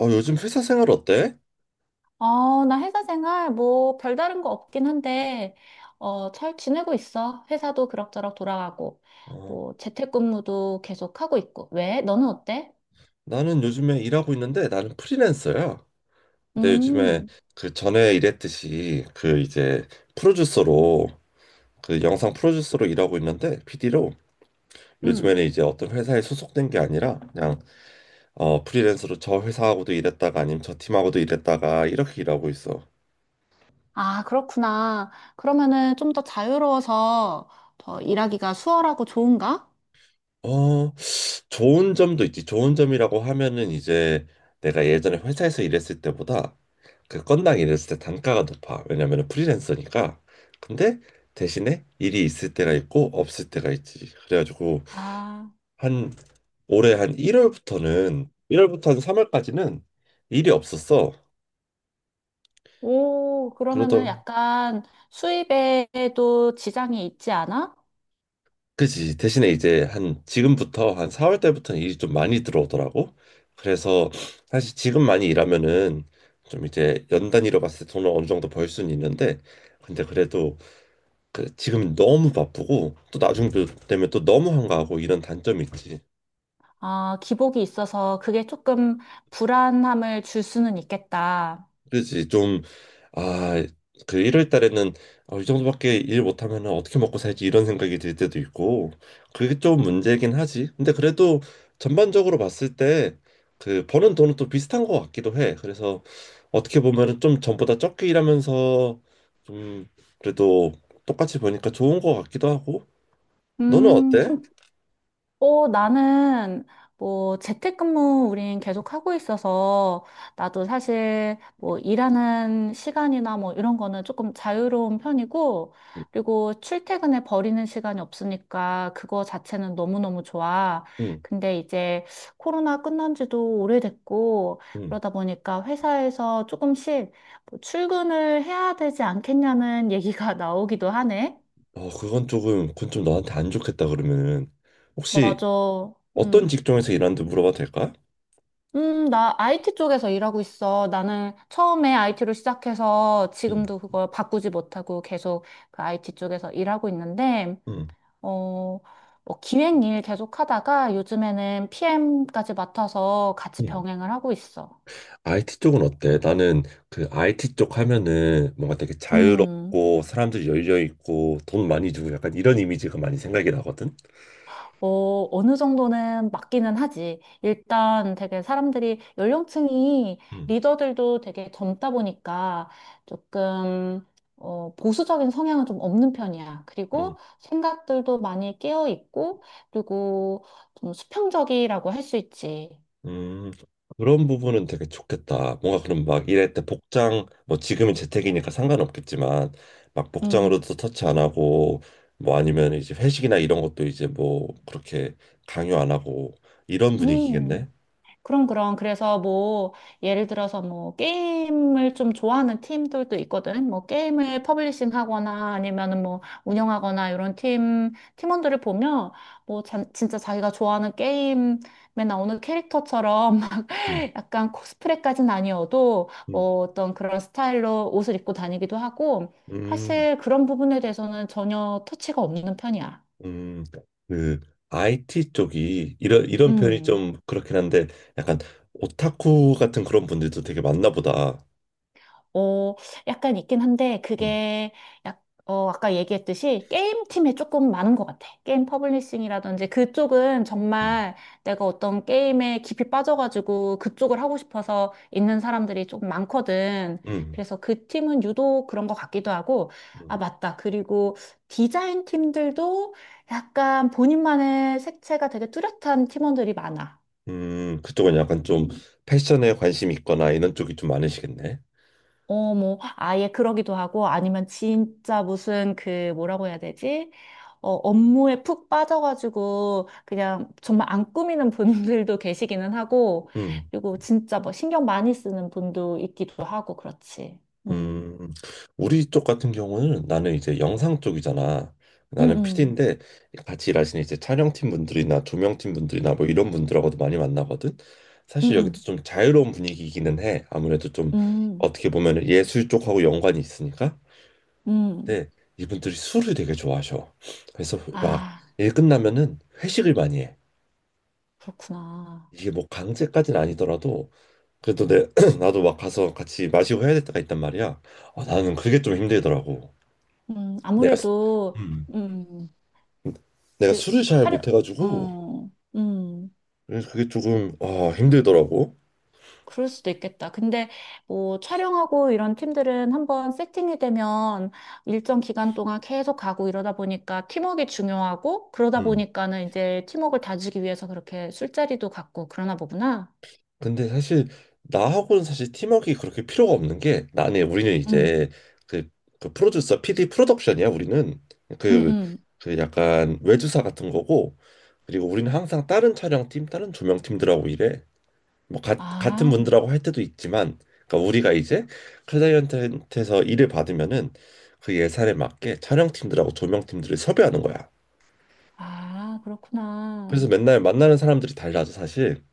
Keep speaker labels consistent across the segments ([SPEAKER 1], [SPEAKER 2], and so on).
[SPEAKER 1] 요즘 회사 생활 어때?
[SPEAKER 2] 나 회사 생활 뭐 별다른 거 없긴 한데, 잘 지내고 있어. 회사도 그럭저럭 돌아가고,
[SPEAKER 1] 어,
[SPEAKER 2] 뭐 재택근무도 계속 하고 있고. 왜? 너는 어때?
[SPEAKER 1] 나는 요즘에 일하고 있는데 나는 프리랜서야. 근데 요즘에
[SPEAKER 2] 음,
[SPEAKER 1] 그 전에 일했듯이 그 이제 프로듀서로 그 영상 프로듀서로 일하고 있는데 PD로
[SPEAKER 2] 음.
[SPEAKER 1] 요즘에는 이제 어떤 회사에 소속된 게 아니라 그냥 프리랜서로 저 회사하고도 일했다가 아니면 저 팀하고도 일했다가 이렇게 일하고 있어.
[SPEAKER 2] 아, 그렇구나. 그러면은 좀 더 자유로워서 더 일하기가 수월하고 좋은가?
[SPEAKER 1] 어, 좋은 점도 있지. 좋은 점이라고 하면은 이제 내가 예전에 회사에서 일했을 때보다 그 건당 일했을 때 단가가 높아. 왜냐면 프리랜서니까. 근데 대신에 일이 있을 때가 있고 없을 때가 있지. 그래가지고
[SPEAKER 2] 아,
[SPEAKER 1] 한 올해 한 1월부터 한 3월까지는 일이 없었어.
[SPEAKER 2] 오,
[SPEAKER 1] 그러다
[SPEAKER 2] 그러면은 약간 수입에도 지장이 있지 않아?
[SPEAKER 1] 그지 대신에 이제 한 지금부터 한 4월 때부터는 일이 좀 많이 들어오더라고. 그래서 사실 지금 많이 일하면은 좀 이제 연 단위로 봤을 때 돈을 어느 정도 벌 수는 있는데 근데 그래도 그 지금 너무 바쁘고 또 나중 되면 또 너무 한가하고 이런 단점이 있지.
[SPEAKER 2] 아, 기복이 있어서 그게 조금 불안함을 줄 수는 있겠다.
[SPEAKER 1] 그렇지 좀 아 그 1월 달에는 아, 이 정도밖에 일 못하면 어떻게 먹고 살지 이런 생각이 들 때도 있고 그게 좀 문제긴 하지. 근데 그래도 전반적으로 봤을 때 그 버는 돈은 또 비슷한 것 같기도 해. 그래서 어떻게 보면은 좀 전보다 적게 일하면서 좀 그래도 똑같이 보니까 좋은 것 같기도 하고 너는 어때?
[SPEAKER 2] 참, 나는, 뭐, 재택근무 우린 계속 하고 있어서, 나도 사실, 뭐, 일하는 시간이나 뭐, 이런 거는 조금 자유로운 편이고, 그리고 출퇴근에 버리는 시간이 없으니까, 그거 자체는 너무너무 좋아.
[SPEAKER 1] 응,
[SPEAKER 2] 근데 이제, 코로나 끝난 지도 오래됐고,
[SPEAKER 1] 응.
[SPEAKER 2] 그러다 보니까 회사에서 조금씩, 뭐 출근을 해야 되지 않겠냐는 얘기가 나오기도 하네.
[SPEAKER 1] 그건 조금, 그건 좀 너한테 안 좋겠다 그러면은 혹시
[SPEAKER 2] 맞아.
[SPEAKER 1] 어떤
[SPEAKER 2] 음.
[SPEAKER 1] 직종에서 일하는지 물어봐도 될까?
[SPEAKER 2] 나 IT 쪽에서 일하고 있어. 나는 처음에 IT로 시작해서
[SPEAKER 1] 응,
[SPEAKER 2] 지금도 그걸 바꾸지 못하고 계속 그 IT 쪽에서 일하고 있는데,
[SPEAKER 1] 응,
[SPEAKER 2] 어, 뭐 기획 일 계속 하다가 요즘에는 PM까지 맡아서 같이
[SPEAKER 1] 응.
[SPEAKER 2] 병행을 하고 있어.
[SPEAKER 1] IT 쪽은 어때? 나는 그 IT 쪽 하면은 뭔가 되게
[SPEAKER 2] 음.
[SPEAKER 1] 자유롭고 사람들이 열려 있고 돈 많이 주고 약간 이런 이미지가 많이 생각이 나거든.
[SPEAKER 2] 어느 정도는 맞기는 하지. 일단 되게 사람들이 연령층이 리더들도 되게 젊다 보니까 조금 보수적인 성향은 좀 없는 편이야.
[SPEAKER 1] 응.
[SPEAKER 2] 그리고 생각들도 많이 깨어 있고, 그리고 좀 수평적이라고 할 수 있지.
[SPEAKER 1] 음, 그런 부분은 되게 좋겠다. 뭔가 그럼 막 이럴 때 복장, 뭐 지금은 재택이니까 상관없겠지만, 막
[SPEAKER 2] 음,
[SPEAKER 1] 복장으로도 터치 안 하고, 뭐 아니면 이제 회식이나 이런 것도 이제 뭐 그렇게 강요 안 하고, 이런
[SPEAKER 2] 음.
[SPEAKER 1] 분위기겠네?
[SPEAKER 2] 그럼, 그럼. 그래서 뭐, 예를 들어서 뭐, 게임을 좀 좋아하는 팀들도 있거든. 뭐, 게임을 퍼블리싱 하거나 아니면은 뭐, 운영하거나 이런 팀원들을 보면 뭐, 진짜 자기가 좋아하는 게임에 나오는 캐릭터처럼 막
[SPEAKER 1] 음,
[SPEAKER 2] 약간 코스프레까지는 아니어도
[SPEAKER 1] 음,
[SPEAKER 2] 뭐, 어떤 그런 스타일로 옷을 입고 다니기도 하고
[SPEAKER 1] 음,
[SPEAKER 2] 사실 그런 부분에 대해서는 전혀 터치가 없는 편이야.
[SPEAKER 1] 음. 그 IT 쪽이 이런 표현이
[SPEAKER 2] 음.
[SPEAKER 1] 좀 그렇긴 한데, 약간 오타쿠 같은 그런 분들도 되게 많나 보다.
[SPEAKER 2] 어, 약간 있긴 한데,
[SPEAKER 1] 음,
[SPEAKER 2] 그게, 아까 얘기했듯이 게임팀에 조금 많은 것 같아. 게임 퍼블리싱이라든지 그쪽은
[SPEAKER 1] 음,
[SPEAKER 2] 정말 내가 어떤 게임에 깊이 빠져가지고 그쪽을 하고 싶어서 있는 사람들이 조금 많거든.
[SPEAKER 1] 음.
[SPEAKER 2] 그래서 그 팀은 유독 그런 것 같기도 하고, 아,
[SPEAKER 1] 음.
[SPEAKER 2] 맞다. 그리고 디자인 팀들도 약간 본인만의 색채가 되게 뚜렷한 팀원들이 많아.
[SPEAKER 1] 그쪽은 약간 좀 패션에 관심 있거나 이런 쪽이 좀 많으시겠네.
[SPEAKER 2] 뭐, 아예 그러기도 하고, 아니면 진짜 무슨 그, 뭐라고 해야 되지? 업무에 푹 빠져가지고, 그냥 정말 안 꾸미는 분들도 계시기는 하고,
[SPEAKER 1] 음,
[SPEAKER 2] 그리고 진짜 뭐 신경 많이 쓰는 분도 있기도 하고, 그렇지. 음,
[SPEAKER 1] 음, 우리 쪽 같은 경우는 나는 이제 영상 쪽이잖아.
[SPEAKER 2] 음,
[SPEAKER 1] 나는
[SPEAKER 2] 음,
[SPEAKER 1] PD인데 같이 일하시는 이제 촬영팀 분들이나 조명팀 분들이나 뭐 이런 분들하고도 많이 만나거든. 사실 여기도
[SPEAKER 2] 음,
[SPEAKER 1] 좀 자유로운 분위기이기는 해. 아무래도 좀
[SPEAKER 2] 음, 음.
[SPEAKER 1] 어떻게 보면 예술 쪽하고 연관이 있으니까.
[SPEAKER 2] 음.
[SPEAKER 1] 근데 이분들이 술을 되게 좋아하셔. 그래서 막
[SPEAKER 2] 아,
[SPEAKER 1] 일 끝나면은 회식을 많이 해.
[SPEAKER 2] 그렇구나.
[SPEAKER 1] 이게 뭐 강제까지는 아니더라도 그래도 내 나도 막 가서 같이 마시고 해야 될 때가 있단 말이야. 아, 나는 그게 좀 힘들더라고. 내가 수-
[SPEAKER 2] 아무래도,
[SPEAKER 1] 음.
[SPEAKER 2] 음,
[SPEAKER 1] 내가
[SPEAKER 2] 그,
[SPEAKER 1] 술을 잘
[SPEAKER 2] 촬영,
[SPEAKER 1] 못해가지고
[SPEAKER 2] 어, 음.
[SPEAKER 1] 그래서 그게 조금 아 힘들더라고.
[SPEAKER 2] 그럴 수도 있겠다. 근데 뭐 촬영하고 이런 팀들은 한번 세팅이 되면 일정 기간 동안 계속 가고 이러다 보니까 팀워크가 중요하고 그러다
[SPEAKER 1] 음.
[SPEAKER 2] 보니까는 이제 팀워크를 다지기 위해서 그렇게 술자리도 갖고 그러나 보구나.
[SPEAKER 1] 근데 사실 나하고는 사실 팀워크가 그렇게 필요가 없는 게 나는 우리는 이제
[SPEAKER 2] 음.
[SPEAKER 1] 그, 그 프로듀서 PD 프로덕션이야 우리는
[SPEAKER 2] 음,
[SPEAKER 1] 그,
[SPEAKER 2] 음.
[SPEAKER 1] 그 약간 외주사 같은 거고 그리고 우리는 항상 다른 촬영팀 다른 조명팀들하고 일해. 뭐 같은
[SPEAKER 2] 아,
[SPEAKER 1] 분들하고 할 때도 있지만 그러니까 우리가 이제 클라이언트한테서 일을 받으면은 그 예산에 맞게 촬영팀들하고 조명팀들을 섭외하는 거야.
[SPEAKER 2] 아, 그렇구나.
[SPEAKER 1] 그래서 맨날 만나는 사람들이 달라져 사실.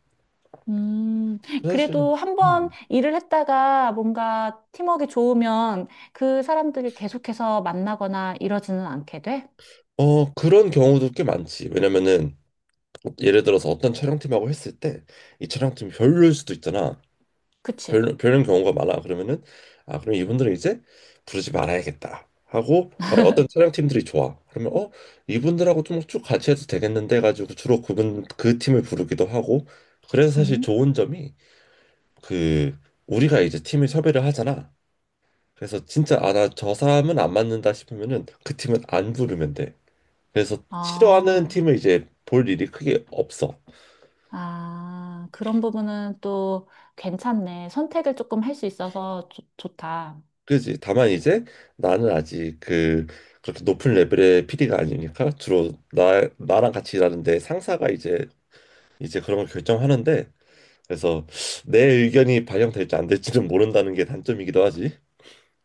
[SPEAKER 2] 음,
[SPEAKER 1] 사실
[SPEAKER 2] 그래도 한 번
[SPEAKER 1] 음.
[SPEAKER 2] 일을 했다가 뭔가 팀워크가 좋으면 그 사람들을 계속해서 만나거나 이러지는 않게 돼?
[SPEAKER 1] 어 그런 경우도 꽤 많지. 왜냐면은 예를 들어서 어떤 촬영팀하고 했을 때 이 촬영팀이 별로일 수도 있잖아.
[SPEAKER 2] 그치?
[SPEAKER 1] 별로 별론 경우가 많아. 그러면은 아 그럼 이분들은 이제 부르지 말아야겠다 하고 만약 어떤 촬영팀들이 좋아 그러면 어 이분들하고 좀 쭉 같이 해도 되겠는데 가지고 주로 그분 그 팀을 부르기도 하고 그래서 사실
[SPEAKER 2] 음.
[SPEAKER 1] 좋은 점이 그 우리가 이제 팀을 섭외를 하잖아. 그래서 진짜 아 나 저 사람은 안 맞는다 싶으면은 그 팀은 안 부르면 돼. 그래서 싫어하는
[SPEAKER 2] 아.
[SPEAKER 1] 팀을 이제 볼 일이 크게 없어.
[SPEAKER 2] 아, 그런 부분은 또 괜찮네. 선택을 조금 할 수 있어서 좋다.
[SPEAKER 1] 그지. 다만 이제 나는 아직 그 그렇게 높은 레벨의 PD가 아니니까 주로 나 나랑 같이 일하는데 상사가 이제 그런 걸 결정하는데 그래서 내 의견이 반영될지 안 될지는 모른다는 게 단점이기도 하지.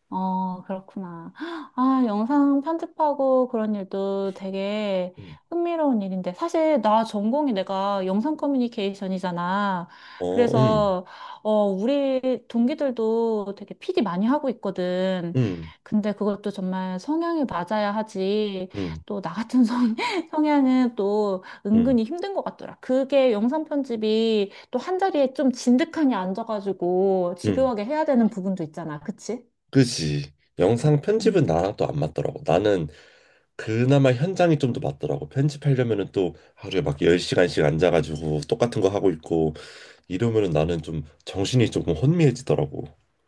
[SPEAKER 2] 그렇구나. 아, 영상 편집하고 그런 일도 되게
[SPEAKER 1] 음.
[SPEAKER 2] 흥미로운 일인데. 사실 나 전공이 내가 영상 커뮤니케이션이잖아.
[SPEAKER 1] 어,
[SPEAKER 2] 그래서, 우리 동기들도 되게 PD 많이 하고 있거든.
[SPEAKER 1] 음,
[SPEAKER 2] 근데 그것도 정말 성향이 맞아야 하지.
[SPEAKER 1] 음,
[SPEAKER 2] 또 나 같은 성향은 또
[SPEAKER 1] 음,
[SPEAKER 2] 은근히 힘든 것 같더라. 그게 영상 편집이 또 한 자리에 좀 진득하니 앉아가지고
[SPEAKER 1] 음.
[SPEAKER 2] 집요하게 해야 되는 부분도 있잖아. 그치?
[SPEAKER 1] 그지. 영상 편집은
[SPEAKER 2] 음.
[SPEAKER 1] 나랑 또 안 맞더라고. 나는 그나마 현장이 좀 더 맞더라고. 편집하려면은 또 하루에 막 10시간씩 앉아가지고 똑같은 거 하고 있고 이러면은 나는 좀 정신이 조금 혼미해지더라고.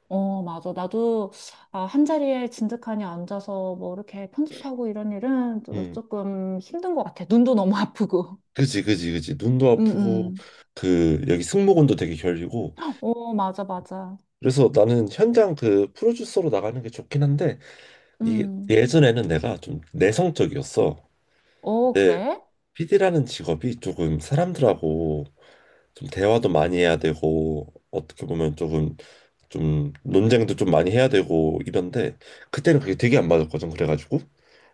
[SPEAKER 2] 맞아. 나도, 아, 한 자리에 진득하니 앉아서 뭐 이렇게 편집하고 이런 일은 좀
[SPEAKER 1] 음,
[SPEAKER 2] 조금 힘든 것 같아. 눈도 너무 아프고.
[SPEAKER 1] 그지, 그지, 그지. 눈도
[SPEAKER 2] 음,
[SPEAKER 1] 아프고
[SPEAKER 2] 음.
[SPEAKER 1] 그 여기 승모근도 되게 결리고.
[SPEAKER 2] 맞아, 맞아.
[SPEAKER 1] 그래서 나는 현장 그 프로듀서로 나가는 게 좋긴 한데 이게
[SPEAKER 2] 음.
[SPEAKER 1] 예전에는 내가 좀 내성적이었어. 근데
[SPEAKER 2] 그래?
[SPEAKER 1] p 라는 직업이 조금 사람들하고 좀 대화도 많이 해야 되고 어떻게 보면 조금 좀 논쟁도 좀 많이 해야 되고 이런데 그때는 그게 되게 안 맞았거든. 그래가지고.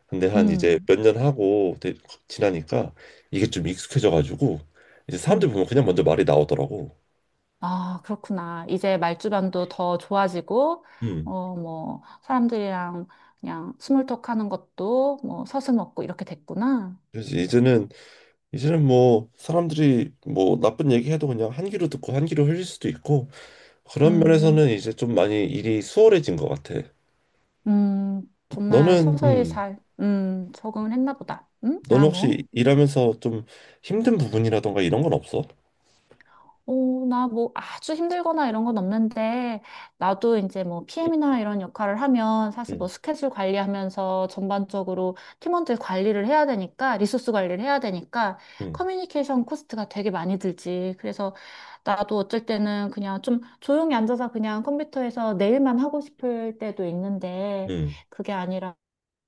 [SPEAKER 1] 근데 한 이제
[SPEAKER 2] 음,
[SPEAKER 1] 몇 년 하고 지나니까 이게 좀 익숙해져가지고 이제 사람들
[SPEAKER 2] 음.
[SPEAKER 1] 보면 그냥 먼저 말이 나오더라고.
[SPEAKER 2] 아, 그렇구나. 이제 말주변도 더 좋아지고,
[SPEAKER 1] 음.
[SPEAKER 2] 뭐, 사람들이랑 그냥 스몰톡 하는 것도 뭐 서슴없고 이렇게 됐구나.
[SPEAKER 1] 그래서 이제는 뭐 사람들이 뭐 나쁜 얘기해도 그냥 한 귀로 듣고 한 귀로 흘릴 수도 있고 그런
[SPEAKER 2] 음.
[SPEAKER 1] 면에서는 이제 좀 많이 일이 수월해진 것 같아.
[SPEAKER 2] 음, 정말
[SPEAKER 1] 너는
[SPEAKER 2] 서서히
[SPEAKER 1] 음
[SPEAKER 2] 잘, 적응을 했나 보다.
[SPEAKER 1] 너는 혹시 일하면서 좀 힘든 부분이라던가 이런 건 없어?
[SPEAKER 2] 어, 나 뭐 아주 힘들거나 이런 건 없는데, 나도 이제 뭐 PM이나 이런 역할을 하면 사실 뭐
[SPEAKER 1] 응
[SPEAKER 2] 스케줄 관리하면서 전반적으로 팀원들 관리를 해야 되니까, 리소스 관리를 해야 되니까,
[SPEAKER 1] 응
[SPEAKER 2] 커뮤니케이션 코스트가 되게 많이 들지. 그래서 나도 어쩔 때는 그냥 좀 조용히 앉아서 그냥 컴퓨터에서 내일만 하고 싶을 때도 있는데,
[SPEAKER 1] 응
[SPEAKER 2] 그게 아니라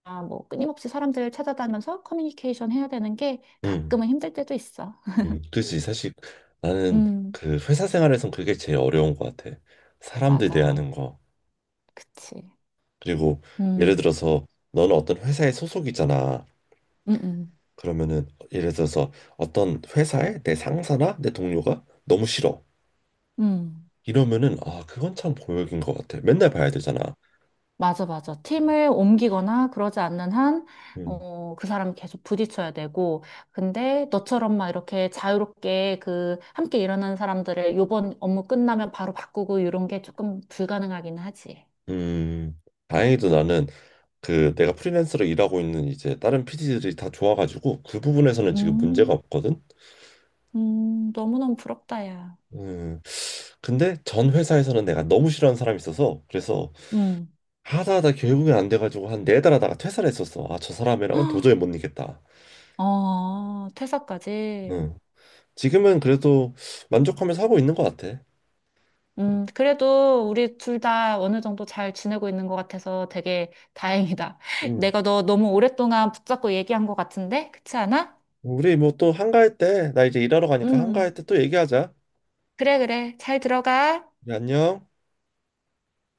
[SPEAKER 2] 뭐 끊임없이 사람들 찾아다니면서 커뮤니케이션 해야 되는 게
[SPEAKER 1] 응
[SPEAKER 2] 가끔은 힘들 때도 있어.
[SPEAKER 1] 그치. 사실 나는
[SPEAKER 2] 음,
[SPEAKER 1] 그 회사 생활에선 그게 제일 어려운 것 같아. 사람들
[SPEAKER 2] 맞아.
[SPEAKER 1] 대하는 거.
[SPEAKER 2] 그치.
[SPEAKER 1] 그리고 예를
[SPEAKER 2] 음,
[SPEAKER 1] 들어서 너는 어떤 회사에 소속이잖아.
[SPEAKER 2] 음, 음,
[SPEAKER 1] 그러면은 예를 들어서 어떤 회사에 내 상사나 내 동료가 너무 싫어.
[SPEAKER 2] 음.
[SPEAKER 1] 이러면은 아, 그건 참 고역인 것 같아. 맨날 봐야 되잖아.
[SPEAKER 2] 맞아, 맞아. 팀을 옮기거나 그러지 않는 한,
[SPEAKER 1] 음,
[SPEAKER 2] 그 사람 계속 부딪혀야 되고. 근데 너처럼 막 이렇게 자유롭게 그 함께 일하는 사람들을 요번 업무 끝나면 바로 바꾸고 이런 게 조금 불가능하긴 하지.
[SPEAKER 1] 음, 다행히도 나는 그 내가 프리랜서로 일하고 있는 이제 다른 PD들이 다 좋아가지고 그 부분에서는 지금 문제가
[SPEAKER 2] 음,
[SPEAKER 1] 없거든.
[SPEAKER 2] 너무너무 부럽다, 야.
[SPEAKER 1] 음, 근데 전 회사에서는 내가 너무 싫어하는 사람이 있어서 그래서
[SPEAKER 2] 음.
[SPEAKER 1] 하다 하다 결국엔 안 돼가지고 한 네 달 하다가 퇴사를 했었어. 아, 저 사람이랑은 도저히 못 이겠다.
[SPEAKER 2] 퇴사까지.
[SPEAKER 1] 응. 지금은 그래도 만족하면서 하고 있는 것 같아.
[SPEAKER 2] 그래도 우리 둘 다 어느 정도 잘 지내고 있는 것 같아서 되게 다행이다.
[SPEAKER 1] 응.
[SPEAKER 2] 내가 너 너무 오랫동안 붙잡고 얘기한 것 같은데? 그렇지 않아?
[SPEAKER 1] 우리 뭐 또 한가할 때, 나 이제 일하러 가니까
[SPEAKER 2] 음,
[SPEAKER 1] 한가할 때 또 얘기하자.
[SPEAKER 2] 그래, 그래. 잘 들어가.
[SPEAKER 1] 그래, 안녕.